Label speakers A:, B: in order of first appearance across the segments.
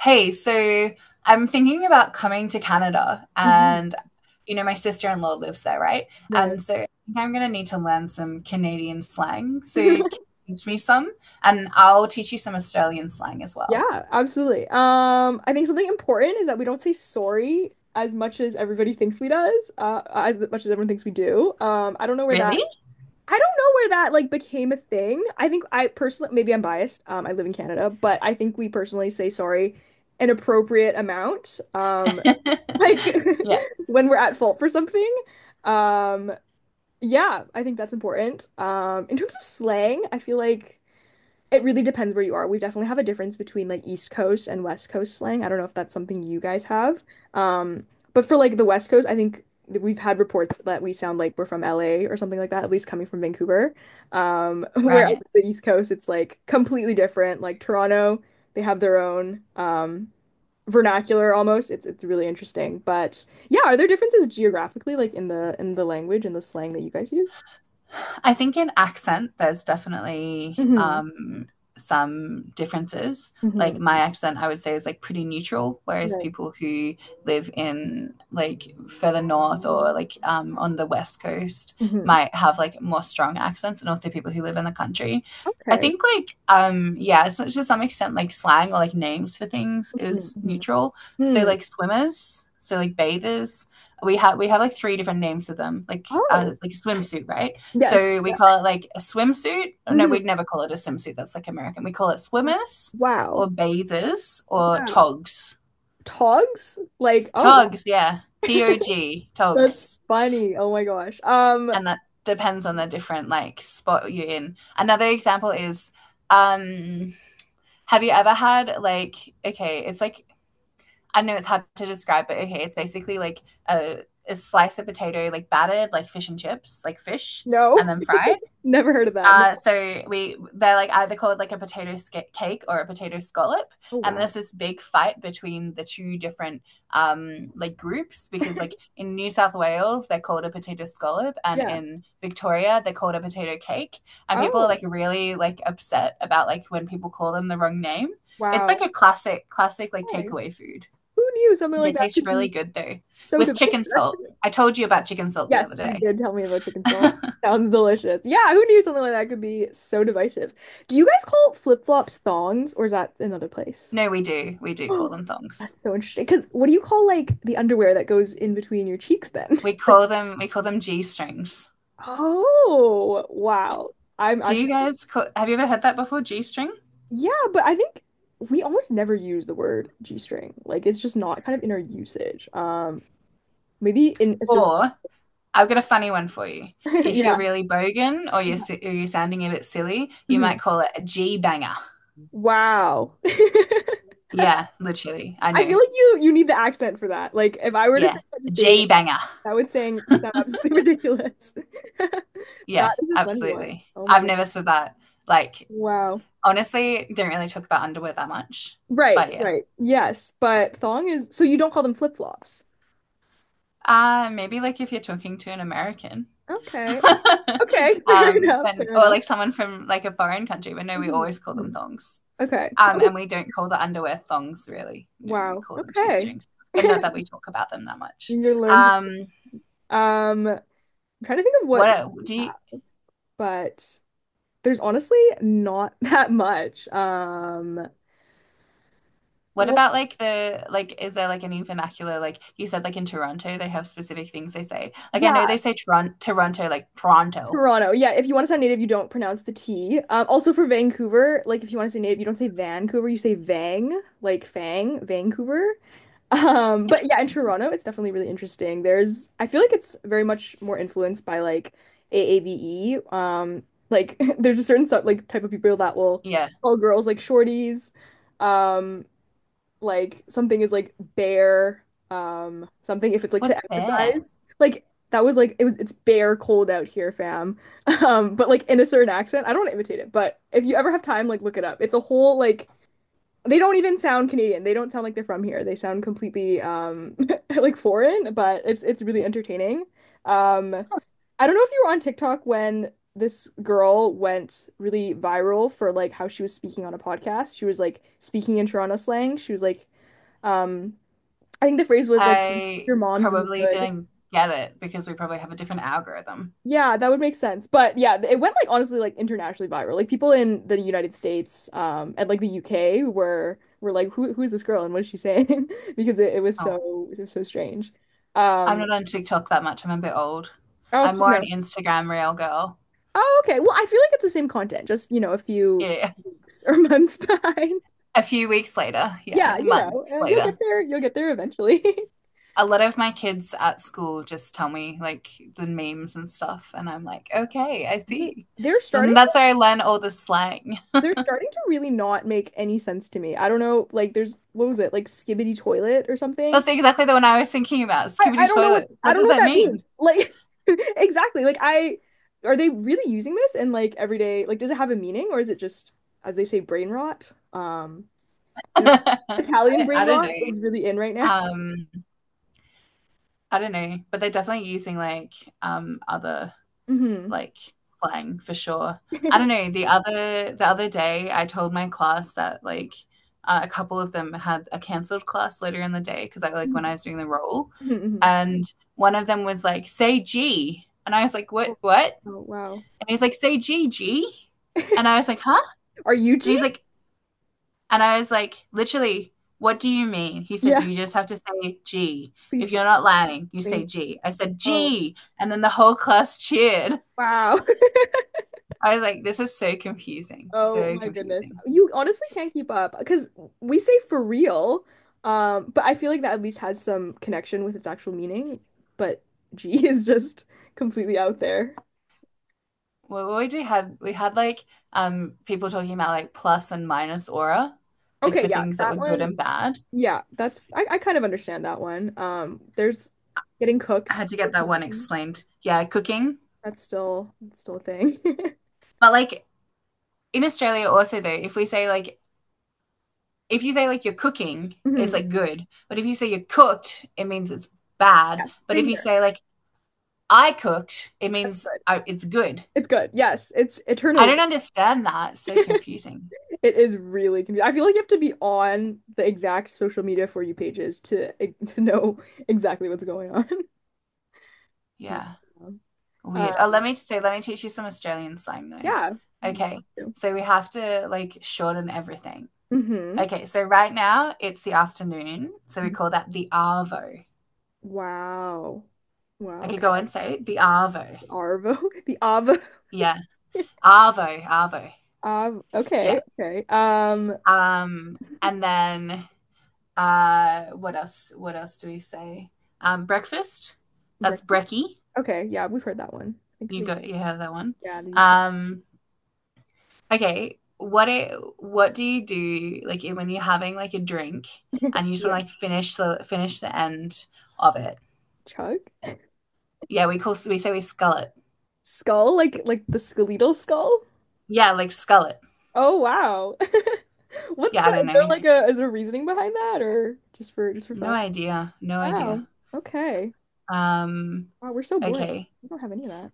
A: Hey, so I'm thinking about coming to Canada
B: hmm
A: and you know my sister-in-law lives there, right?
B: Right.
A: And so I think I'm going to need to learn some Canadian slang. So can you teach me some and I'll teach you some Australian slang as well.
B: Yeah, absolutely. I think something important is that we don't say sorry as much as everybody thinks we does, as much as everyone thinks we do. I don't know where
A: Really?
B: that, I don't know where that like became a thing. I think I personally, maybe I'm biased. I live in Canada, but I think we personally say sorry an appropriate amount. Like
A: Yeah,
B: when we're at fault for something. Um, yeah, I think that's important. In terms of slang, I feel like, it really depends where you are. We definitely have a difference between like East Coast and West Coast slang. I don't know if that's something you guys have. Um, but for like the West Coast, I think that we've had reports that we sound like we're from LA or something like that, at least coming from Vancouver. Whereas
A: right.
B: the East Coast, it's like completely different. Like Toronto, they have their own vernacular almost. It's really interesting. But yeah, are there differences geographically, like in the language and the slang that you guys use?
A: I think in accent, there's definitely
B: hmm
A: some differences. Like my
B: hmm
A: accent, I would say is like pretty neutral, whereas
B: Right.
A: people who live in like further north or like on the west coast
B: hmm
A: might have like more strong accents, and also people who live in the country. I
B: Okay.
A: think like yeah, so to some extent like slang or like names for things
B: Mhm,
A: is
B: mhm.
A: neutral. So
B: Hmm.
A: like swimmers, so like bathers, we have like three different names for them,
B: Oh,
A: like swimsuit, right?
B: yes.
A: So we call it like a swimsuit. Oh, no,
B: Mhm.
A: we'd never call it a swimsuit. That's like American. We call it swimmers
B: Wow.
A: or bathers or
B: Wow.
A: togs.
B: Togs? Like, oh,
A: Togs, yeah.
B: wow.
A: T O G,
B: That's
A: togs.
B: funny. Oh my gosh.
A: And that depends on the different like spot you're in. Another example is um have you ever had like okay, it's like I know it's hard to describe, but okay, it's basically like a, a slice of potato like battered like fish and chips, like fish
B: No.
A: and then fried.
B: Never heard of that. No.
A: So we they're like either called like a potato sca- cake or a potato scallop,
B: Oh,
A: and
B: wow.
A: there's this big fight between the two different like groups because like in New South Wales they're called a potato scallop, and
B: Yeah.
A: in Victoria they're called a potato cake, and people are like
B: Oh,
A: really like upset about like when people call them the wrong name. It's like
B: wow.
A: a classic like
B: Okay.
A: takeaway food.
B: Who knew something like
A: They
B: that
A: taste
B: could
A: really
B: be
A: good though
B: so
A: with chicken
B: divisive?
A: salt. I told you about chicken salt the other
B: Yes, you
A: day.
B: did tell me about chicken salt. Sounds delicious. Yeah, who knew something like that could be so divisive? Do you guys call flip-flops thongs, or is that another place?
A: No, we do we do call them thongs.
B: That's so interesting. Because what do you call like the underwear that goes in between your cheeks then?
A: We
B: Like,
A: call them we call them G strings.
B: oh, wow. I'm
A: Do you
B: actually,
A: guys call, have you ever heard that before? G string?
B: yeah, but I think we almost never use the word G-string. Like, it's just not kind of in our usage. Maybe in associate.
A: Or I've got a funny one for you. If you're
B: Yeah.
A: really bogan
B: Yeah.
A: or you're sounding a bit silly, you
B: Mhm.
A: might call it a G banger.
B: Wow. I
A: Yeah, literally. I
B: feel
A: know.
B: like you need the accent for that. Like, if I were to
A: Yeah,
B: say that just day to day,
A: G banger.
B: that would saying sound absolutely ridiculous. That
A: Yeah,
B: is a funny one.
A: absolutely.
B: Oh my
A: I've
B: goodness.
A: never said that. Like
B: Wow.
A: honestly, don't really talk about underwear that much.
B: Right,
A: But yeah.
B: right. Yes, but thong is, so you don't call them flip-flops.
A: Maybe like if you're talking to an American.
B: Okay. Okay, fair enough,
A: When
B: fair
A: or
B: enough.
A: like someone from like a foreign country, but no, we
B: Mhm,
A: always call them
B: mhm.
A: thongs.
B: Okay.
A: And
B: Okay.
A: we don't call the underwear thongs really. No, we
B: Wow.
A: call them g
B: Okay.
A: strings, but not that we talk about them that much.
B: You're learning.
A: Um,
B: I'm trying to think of what
A: what
B: we
A: do you?
B: have, but there's honestly not that much.
A: What
B: What
A: about like the like? Is there like any vernacular? Like you said, like in Toronto, they have specific things they say. Like I know
B: Yeah,
A: they say Toronto, like Toronto.
B: Toronto. Yeah, if you want to sound native, you don't pronounce the T. Also for Vancouver, like if you want to say native, you don't say Vancouver, you say Vang, like Fang, Vancouver. But yeah, in
A: Interesting.
B: Toronto, it's definitely really interesting. I feel like it's very much more influenced by like AAVE. Like there's a certain sort, like type of people that will
A: Yeah.
B: call girls like shorties. Um, like something is like bare. Something, if it's like to
A: What's there?
B: emphasize, like that was like it's bare cold out here, fam. But like in a certain accent, I don't want to imitate it, but if you ever have time, like look it up. It's a whole like they don't even sound Canadian. They don't sound like they're from here. They sound completely like foreign, but it's really entertaining. Um I don't know if you were on TikTok when this girl went really viral for like how she was speaking on a podcast. She was like speaking in Toronto slang. She was like um I think the phrase was like
A: I
B: your mom's in the
A: probably
B: hood.
A: didn't get it because we probably have a different algorithm.
B: Yeah, that would make sense. But yeah, it went like honestly like internationally viral. Like people in the United States and like the UK were like who is this girl and what is she saying? Because it, it was
A: Oh,
B: so it was so strange.
A: I'm
B: Um
A: not on TikTok that much. I'm a bit old.
B: oh,
A: I'm
B: you
A: more
B: know.
A: an Instagram real girl.
B: Oh, okay. Well, I feel like it's the same content, just, a few
A: Yeah.
B: weeks or months behind.
A: A few weeks later,
B: Yeah,
A: yeah, months later.
B: you'll get there eventually.
A: A lot of my kids at school just tell me like the memes and stuff, and I'm like, okay, I
B: They,
A: see.
B: they're starting
A: And
B: to
A: that's where I learn all the slang.
B: they're starting to really not make any sense to me. I don't know, like there's what was it? Like Skibbity Toilet or something?
A: That's exactly the one I was thinking about.
B: I
A: Skibbity
B: don't know what
A: toilet.
B: I
A: What
B: don't
A: does
B: know what
A: that
B: that means.
A: mean?
B: Like exactly. Like I are they really using this in like everyday, like does it have a meaning or is it just as they say brain rot? You know, Italian
A: I,
B: brain
A: I don't
B: rot
A: know.
B: is really in right now.
A: Um, I don't know, but they're definitely using like other
B: Hmm.
A: like slang for sure. I don't know. The other day, I told my class that like a couple of them had a cancelled class later in the day because I like when I was doing the role, and one of them was like, "Say G," and I was like,
B: Oh,
A: "What? What?"
B: oh, wow.
A: And he's like, "Say G, G," and I was like, "Huh?"
B: Are you
A: And
B: G?
A: he's like, and I was like, literally. What do you mean? He said,
B: Yeah,
A: you just have to say G. If
B: please
A: you're not lying, you say
B: explain.
A: G. I said,
B: Oh,
A: G. And then the whole class cheered.
B: wow.
A: I was like, this is so confusing,
B: Oh
A: so
B: my goodness.
A: confusing.
B: You honestly can't keep up because we say for real, but I feel like that at least has some connection with its actual meaning. But G is just completely out there.
A: What we had like people talking about like plus and minus aura, like
B: Okay,
A: for
B: yeah,
A: things that
B: that
A: were good
B: one.
A: and bad.
B: Yeah, I kind of understand that one. There's getting
A: I
B: cooked
A: had to
B: or
A: get that one
B: cooking.
A: explained. Yeah, cooking.
B: That's still a thing.
A: But like in Australia also though, if you say like you're cooking, it's
B: Mhm.
A: like good. But if you say you're cooked, it means it's bad.
B: Yes,
A: But
B: same
A: if you
B: here.
A: say like I cooked, it
B: That's
A: means
B: good.
A: it's good.
B: It's good. Yes, it's
A: I
B: eternally
A: don't understand that. It's so
B: good.
A: confusing.
B: It is really confusing. I feel like you have to be on the exact social media For You pages to to know exactly what's going on.
A: Yeah.
B: Yeah.
A: Weird. Oh,
B: Uh,
A: let me teach you some Australian slang
B: yeah.
A: though. Okay. So we have to like shorten everything.
B: Mm-hmm.
A: Okay, so right now it's the afternoon, so we call that the arvo.
B: Wow. Wow.
A: Okay,
B: Okay.
A: go on, say it. The arvo.
B: Arvo. The Avo.
A: Yeah. Arvo, arvo.
B: Av. Okay.
A: Yeah.
B: Okay.
A: And then what else? What else do we say? Breakfast. That's
B: Brecky.
A: brekkie.
B: Okay. Yeah, we've heard that one. I think
A: You
B: the
A: go you have that one.
B: yeah.
A: Um, Okay, what do you do like when you're having like a drink and you just want
B: Yeah.
A: to like finish the end of it?
B: Chug.
A: Yeah, we say we scull it.
B: Skull. Like the skeletal skull.
A: Yeah, like scull it.
B: Oh wow.
A: Yeah, I don't
B: Is there
A: know.
B: like a, is there reasoning behind that or just for
A: No
B: fun?
A: idea. No
B: Wow.
A: idea.
B: Okay.
A: Um,
B: Wow, we're so boring.
A: okay.
B: We don't have any of that.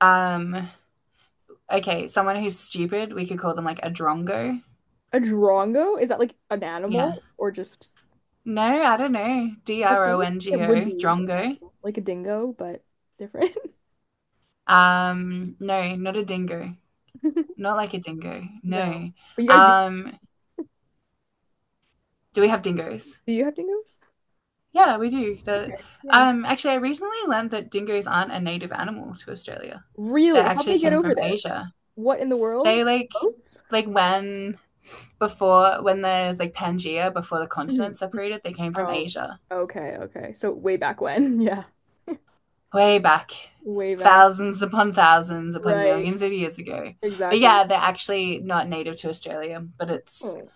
A: Um, okay, someone who's stupid, we could call them like a drongo.
B: A drongo? Is that like an
A: Yeah.
B: animal or
A: No, I don't know. D
B: that
A: R
B: sounds
A: O
B: like
A: N
B: it
A: G
B: would
A: O,
B: be an
A: drongo.
B: animal, like a dingo, but different.
A: No, not a dingo. Not like a dingo.
B: No.
A: No.
B: But you guys do,
A: Um, Do we have dingoes?
B: do you have dingoes?
A: Yeah, we do.
B: Okay. Yeah.
A: Actually, I recently learned that dingoes aren't a native animal to Australia. They
B: Really? How'd
A: actually
B: they get
A: came
B: over
A: from
B: there?
A: Asia.
B: What in the world?
A: They like,
B: Boats?
A: like when there's like Pangea, before the
B: Mhm.
A: continents separated, they came from
B: Oh,
A: Asia,
B: okay, okay. So way back when. Yeah.
A: way back,
B: Way back.
A: thousands upon
B: Right.
A: millions of years ago. But
B: Exactly.
A: yeah, they're actually not native to Australia. But it's
B: Mm,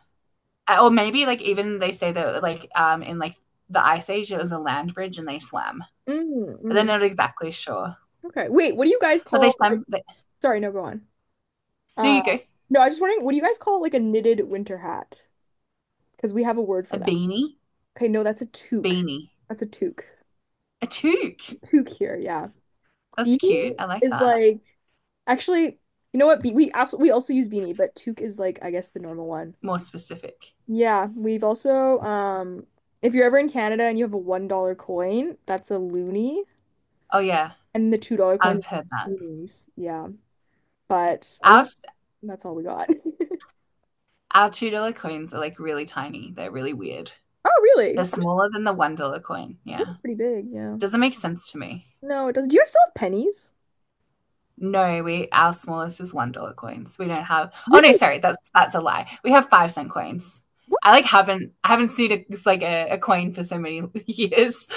A: or maybe like even they say that like in like the ice age it was a land bridge and they swam.
B: mm,
A: They're
B: mm.
A: not exactly sure.
B: Okay. Wait, what do you guys
A: But they,
B: call like,
A: some they,
B: sorry, no, go on.
A: no,
B: Uh
A: you go.
B: no, I was just wondering, what do you guys call like a knitted winter hat? Because we have a word
A: A
B: for that.
A: beanie.
B: Okay, no, that's a toque.
A: Beanie.
B: That's a toque.
A: A toque.
B: A toque here, yeah.
A: That's cute.
B: Beanie
A: I like
B: is
A: that.
B: like, actually, you know what? Be we absolutely we also use beanie, but toque is, like, I guess the normal one.
A: More specific.
B: Yeah, we've also if you're ever in Canada and you have a $1 coin, that's a loonie,
A: Oh yeah,
B: and the $2 coins are
A: I've heard that.
B: loonies. Yeah. But other
A: Our
B: That's all we got.
A: our $2 coins are like really tiny. They're really weird.
B: Oh,
A: They're
B: really? Oh,
A: smaller than the $1 coin.
B: that's
A: Yeah.
B: pretty big, yeah.
A: Doesn't make sense to me.
B: No, it doesn't. Do you guys still have pennies?
A: No, we our smallest is $1 coins. We don't have, oh no,
B: Really?
A: sorry, that's a lie. We have 5-cent coins.
B: What?
A: I haven't seen a, a coin for so many years.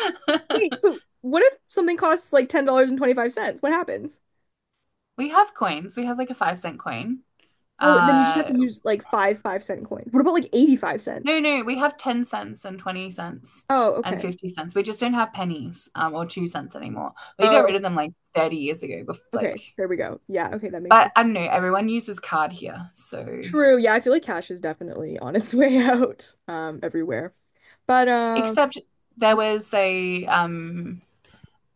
B: Wait, so what if something costs like $10.25? What happens?
A: We have coins. We have like a 5-cent coin.
B: Oh, and then you just have
A: Uh,
B: to use like five 5-cent coins. What about like 85
A: no,
B: cents?
A: no, we have 10 cents and 20 cents
B: Oh,
A: and
B: okay.
A: 50 cents. We just don't have pennies or 2-cent anymore. We got
B: Oh,
A: rid of them like 30 years ago.
B: okay. There we go. Yeah, okay, that makes
A: But
B: sense.
A: I don't know. Everyone uses card here. So,
B: True. Yeah, I feel like cash is definitely on its way out everywhere. But
A: except there
B: yeah,
A: was a um,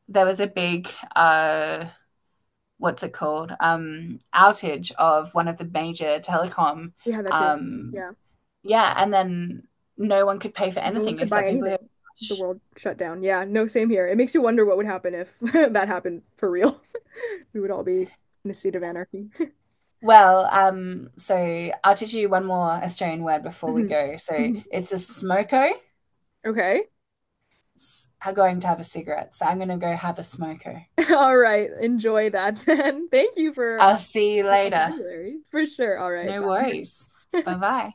A: there was a big uh, what's it called? Outage of one of the major telecom.
B: we had that too.
A: Um,
B: Yeah.
A: yeah, and then no one could pay for
B: No one
A: anything
B: could buy
A: except people who had
B: anything. The
A: cash.
B: world shut down. Yeah, no, same here. It makes you wonder what would happen if that happened for real. We would all be in a state of anarchy.
A: Well, so I'll teach you one more Australian word before we
B: Mhm.
A: go. So
B: Mhm.
A: it's a smoko.
B: Okay.
A: Am going to have a cigarette. So I'm going to go have a smoko.
B: All right. Enjoy that then. Thank you for
A: I'll see you
B: your
A: later.
B: vocabulary. For sure. All right.
A: No worries.
B: Bye.
A: Bye bye.